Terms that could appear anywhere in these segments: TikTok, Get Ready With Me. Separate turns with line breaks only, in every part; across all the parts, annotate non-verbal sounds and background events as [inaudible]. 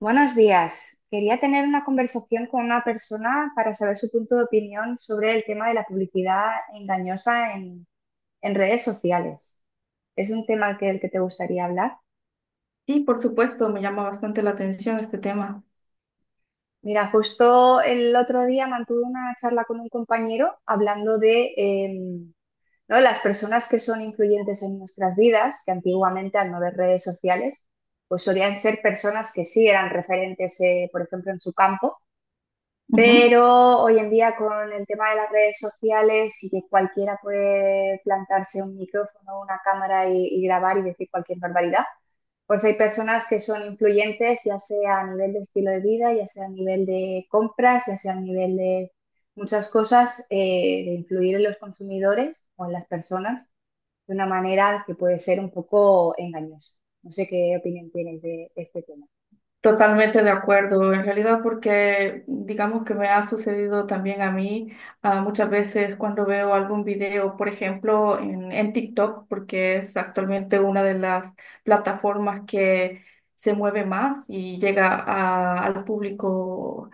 Buenos días. Quería tener una conversación con una persona para saber su punto de opinión sobre el tema de la publicidad engañosa en redes sociales. ¿Es un tema el que te gustaría hablar?
Sí, por supuesto, me llama bastante la atención este tema.
Mira, justo el otro día mantuve una charla con un compañero hablando de ¿no? Las personas que son influyentes en nuestras vidas, que antiguamente al no ver redes sociales, pues solían ser personas que sí eran referentes, por ejemplo, en su campo.
Ujú.
Pero hoy en día con el tema de las redes sociales y que cualquiera puede plantarse un micrófono, una cámara y grabar y decir cualquier barbaridad, pues hay personas que son influyentes, ya sea a nivel de estilo de vida, ya sea a nivel de compras, ya sea a nivel de muchas cosas, de influir en los consumidores o en las personas de una manera que puede ser un poco engañosa. No sé qué opinión tienes de este tema.
Totalmente de acuerdo, en realidad porque digamos que me ha sucedido también a mí muchas veces cuando veo algún video, por ejemplo, en TikTok, porque es actualmente una de las plataformas que se mueve más y llega al público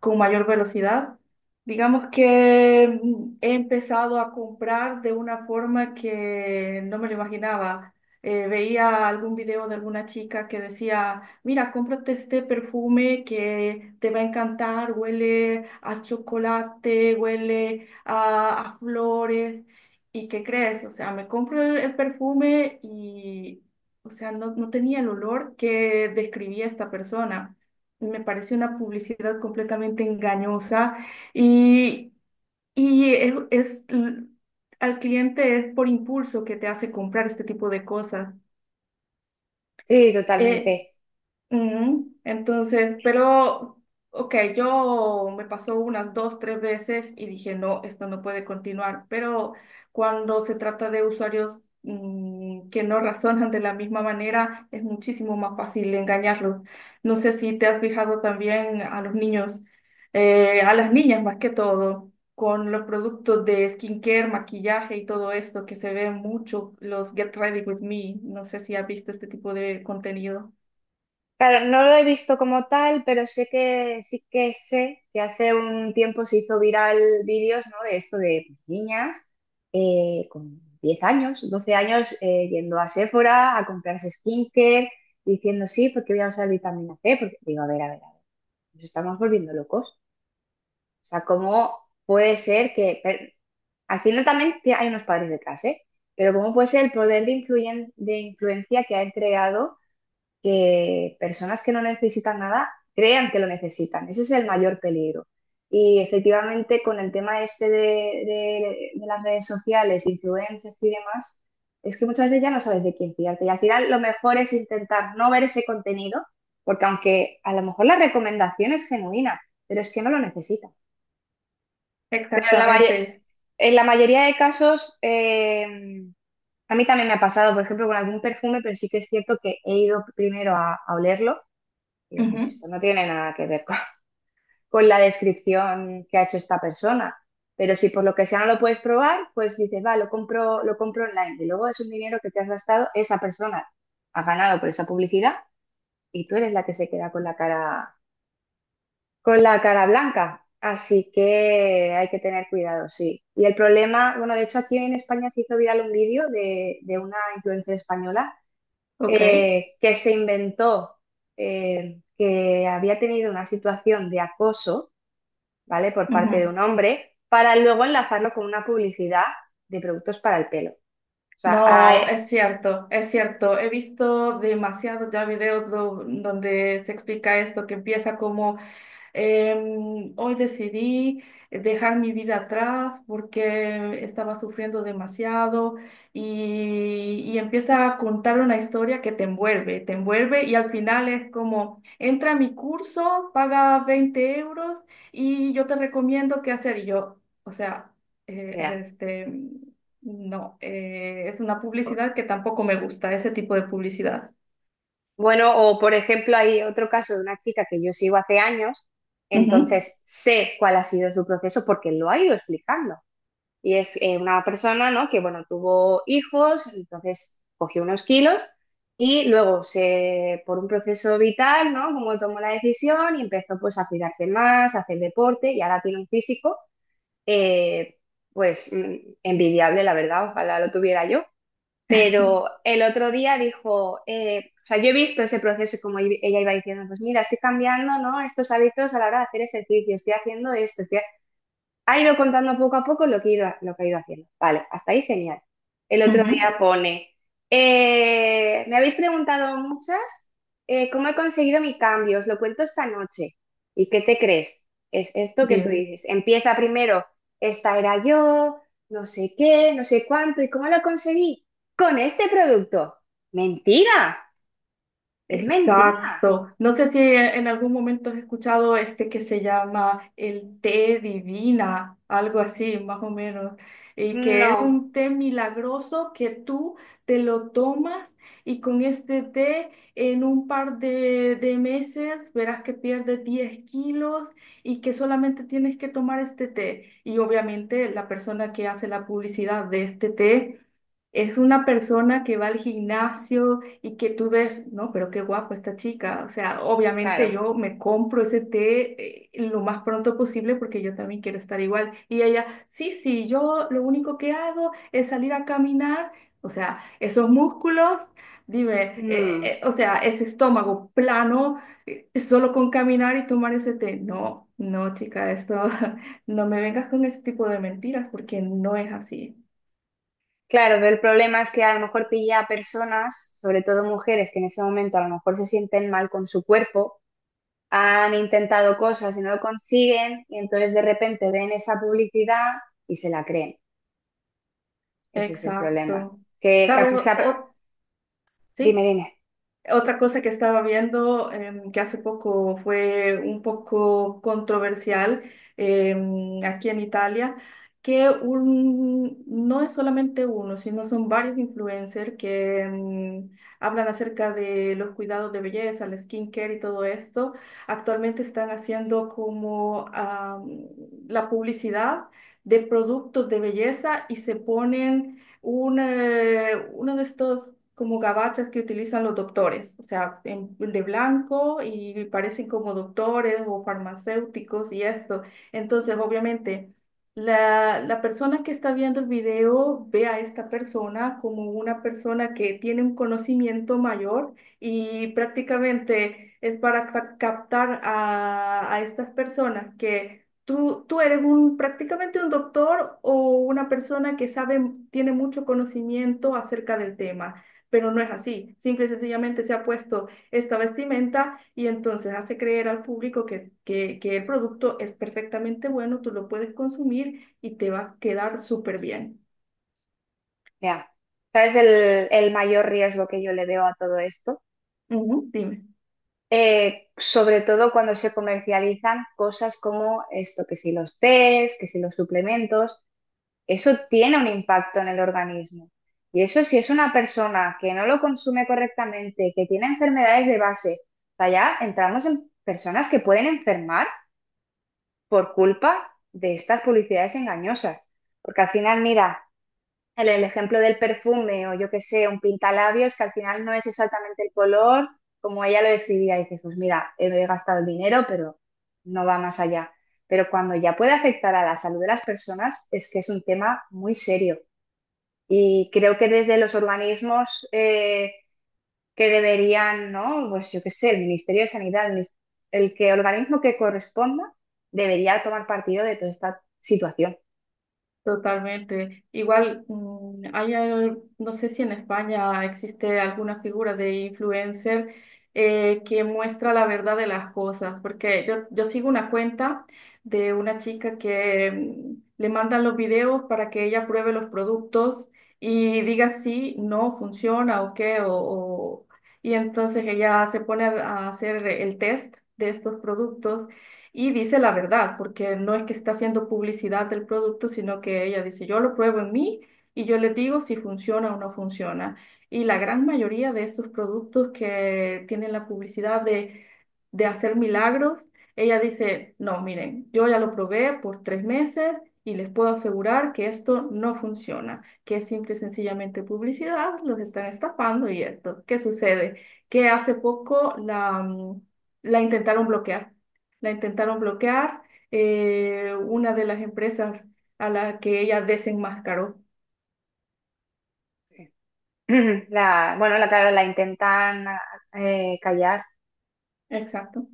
con mayor velocidad. Digamos que he empezado a comprar de una forma que no me lo imaginaba. Veía algún video de alguna chica que decía: "Mira, cómprate este perfume que te va a encantar, huele a chocolate, huele a flores". ¿Y qué crees? O sea, me compro el perfume y, o sea, no tenía el olor que describía esta persona. Me parece una publicidad completamente engañosa y, y es, es- al cliente es por impulso que te hace comprar este tipo de cosas.
Sí,
Eh,
totalmente.
Ujú. Entonces, pero, ok, yo me pasó unas dos, tres veces y dije, no, esto no puede continuar, pero cuando se trata de usuarios que no razonan de la misma manera, es muchísimo más fácil engañarlos. No sé si te has fijado también a los niños, a las niñas más que todo, con los productos de skincare, maquillaje y todo esto que se ve mucho, los Get Ready With Me, no sé si has visto este tipo de contenido.
Claro, no lo he visto como tal, pero sé que sí, que sé que hace un tiempo se hizo viral vídeos, ¿no? De esto de pues, niñas con 10 años, 12 años yendo a Sephora a comprarse skincare, diciendo sí, porque voy a usar vitamina C, porque digo, a ver, a ver, a ver, nos estamos volviendo locos. O sea, ¿cómo puede ser al final también que hay unos padres detrás, ¿eh? Pero ¿cómo puede ser el poder de influencia que ha entregado que personas que no necesitan nada crean que lo necesitan? Ese es el mayor peligro. Y efectivamente con el tema este de las redes sociales, influencers y demás, es que muchas veces ya no sabes de quién fiarte. Y al final lo mejor es intentar no ver ese contenido, porque aunque a lo mejor la recomendación es genuina, pero es que no lo necesitas. Pero
Exactamente.
en la mayoría de casos, a mí también me ha pasado, por ejemplo, con algún perfume, pero sí que es cierto que he ido primero a olerlo y pues
Ujú.
esto no tiene nada que ver con, [laughs] con la descripción que ha hecho esta persona. Pero si por lo que sea no lo puedes probar, pues dices, va, lo compro online. Y luego es un dinero que te has gastado, esa persona ha ganado por esa publicidad y tú eres la que se queda con la cara blanca. Así que hay que tener cuidado, sí. Y el problema, bueno, de hecho aquí en España se hizo viral un vídeo de una influencer española
Ok.
que se inventó que había tenido una situación de acoso, ¿vale? Por parte de
Ujú.
un hombre, para luego enlazarlo con una publicidad de productos para el pelo. O sea,
No, es cierto, es cierto. He visto demasiados ya videos donde se explica esto, que empieza como: Hoy decidí dejar mi vida atrás porque estaba sufriendo demasiado", y empieza a contar una historia que te envuelve y al final es como: "Entra a mi curso, paga 20 euros y yo te recomiendo qué hacer". Y yo, o sea, eh,
mira.
este, no, es una publicidad que tampoco me gusta, ese tipo de publicidad.
Bueno, o por ejemplo, hay otro caso de una chica que yo sigo hace años,
Ujú.
entonces sé cuál ha sido su proceso porque lo ha ido explicando. Y es una persona, ¿no? Que, bueno, tuvo hijos, entonces cogió unos kilos y luego por un proceso vital, ¿no? Como tomó la decisión y empezó pues a cuidarse más, a hacer deporte y ahora tiene un físico, eh, pues envidiable, la verdad, ojalá lo tuviera yo.
[laughs]
Pero el otro día dijo, o sea, yo he visto ese proceso y como ella iba diciendo, pues mira, estoy cambiando, ¿no? Estos hábitos a la hora de hacer ejercicio, estoy haciendo esto, estoy ha ido contando poco a poco lo que ha ido haciendo. Vale, hasta ahí genial. El otro
ujú.
día pone, me habéis preguntado muchas cómo he conseguido mi cambio, os lo cuento esta noche. ¿Y qué te crees? Es esto que tú
Dime.
dices. Empieza primero, esta era yo, no sé qué, no sé cuánto, ¿y cómo lo conseguí? Con este producto. Mentira, es mentira.
Exacto. No sé si en algún momento has escuchado este que se llama el té divina, algo así, más o menos, y que es
No,
un té milagroso que tú te lo tomas y con este té en un par de meses verás que pierdes 10 kilos y que solamente tienes que tomar este té. Y obviamente la persona que hace la publicidad de este té... Es una persona que va al gimnasio, y que tú ves, no, pero qué guapo esta chica. O sea, obviamente
claro.
yo me compro ese té, lo más pronto posible porque yo también quiero estar igual. Y ella, sí, sí, yo lo único que hago es salir a caminar. O sea, esos músculos, dime,
Mm.
o sea, ese estómago plano, solo con caminar y tomar ese té. No, no, chica, esto, [laughs] no me vengas con ese tipo de mentiras porque no es así.
Claro, pero el problema es que a lo mejor pilla a personas, sobre todo mujeres, que en ese momento a lo mejor se sienten mal con su cuerpo, han intentado cosas y no lo consiguen, y entonces de repente ven esa publicidad y se la creen. Ese es el problema.
Exacto.
Que
¿Sabes?
dime,
¿Sí?
dime,
Otra cosa que estaba viendo, que hace poco fue un poco controversial, aquí en Italia, que un, no es solamente uno, sino son varios influencers que hablan acerca de los cuidados de belleza, el skincare y todo esto. Actualmente están haciendo como la publicidad de productos de belleza y se ponen un, uno de estos como gabachas que utilizan los doctores, o sea, de blanco y parecen como doctores o farmacéuticos y esto. Entonces, obviamente, la persona que está viendo el video ve a esta persona como una persona que tiene un conocimiento mayor y prácticamente es para captar a estas personas que... Tú eres un, prácticamente un doctor o una persona que sabe, tiene mucho conocimiento acerca del tema, pero no es así. Simple y sencillamente se ha puesto esta vestimenta y entonces hace creer al público que el producto es perfectamente bueno, tú lo puedes consumir y te va a quedar súper bien.
ya. ¿Sabes el mayor riesgo que yo le veo a todo esto?
Ujú. Dime.
Sobre todo cuando se comercializan cosas como esto, que si los tés, que si los suplementos. Eso tiene un impacto en el organismo. Y eso si es una persona que no lo consume correctamente, que tiene enfermedades de base, o sea, ya entramos en personas que pueden enfermar por culpa de estas publicidades engañosas. Porque al final, mira, el ejemplo del perfume o yo qué sé, un pintalabios que al final no es exactamente el color como ella lo describía. Y dices, pues mira, he gastado el dinero, pero no va más allá. Pero cuando ya puede afectar a la salud de las personas, es que es un tema muy serio. Y creo que desde los organismos que deberían, ¿no? Pues yo qué sé, el Ministerio de Sanidad, el que organismo que corresponda, debería tomar partido de toda esta situación.
Totalmente. Igual, hay, no sé si en España existe alguna figura de influencer que muestra la verdad de las cosas, porque yo sigo una cuenta de una chica que le mandan los videos para que ella pruebe los productos y diga si no funciona o qué, y entonces ella se pone a hacer el test de estos productos y dice la verdad, porque no es que está haciendo publicidad del producto, sino que ella dice: "Yo lo pruebo en mí y yo les digo si funciona o no funciona". Y la gran mayoría de estos productos que tienen la publicidad de hacer milagros, ella dice: "No, miren, yo ya lo probé por 3 meses y les puedo asegurar que esto no funciona, que es simple y sencillamente publicidad, los están estafando" y esto. ¿Qué sucede? Que hace poco la intentaron bloquear. La intentaron bloquear, una de las empresas a la que ella desenmascaró.
[clears throat] Bueno, claro, la intentan callar.
Exacto.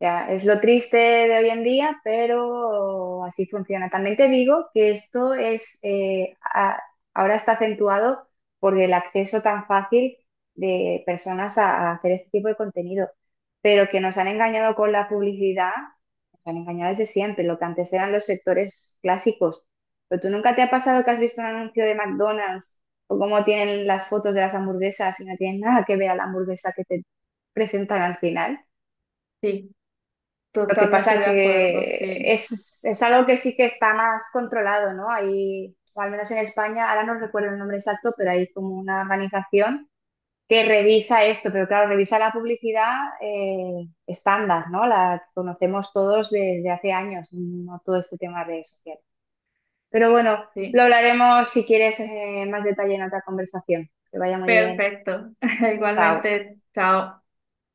Ya, es lo triste de hoy en día, pero así funciona. También te digo que esto es, ahora está acentuado por el acceso tan fácil de personas a hacer este tipo de contenido, pero que nos han engañado con la publicidad, nos han engañado desde siempre, lo que antes eran los sectores clásicos. Pero tú nunca te ha pasado que has visto un anuncio de McDonald's o cómo tienen las fotos de las hamburguesas y no tienen nada que ver a la hamburguesa que te presentan al final.
Sí,
Lo que
totalmente
pasa
de acuerdo,
que
sí,
es algo que sí que está más controlado, ¿no? Hay, o al menos en España, ahora no recuerdo el nombre exacto, pero hay como una organización que revisa esto, pero claro, revisa la publicidad estándar, ¿no? La que conocemos todos desde hace años, no todo este tema de redes sociales. Pero bueno,
sí.
lo hablaremos si quieres más detalle en otra conversación. Que vaya muy bien.
Perfecto. [laughs]
Chao.
Igualmente, chao.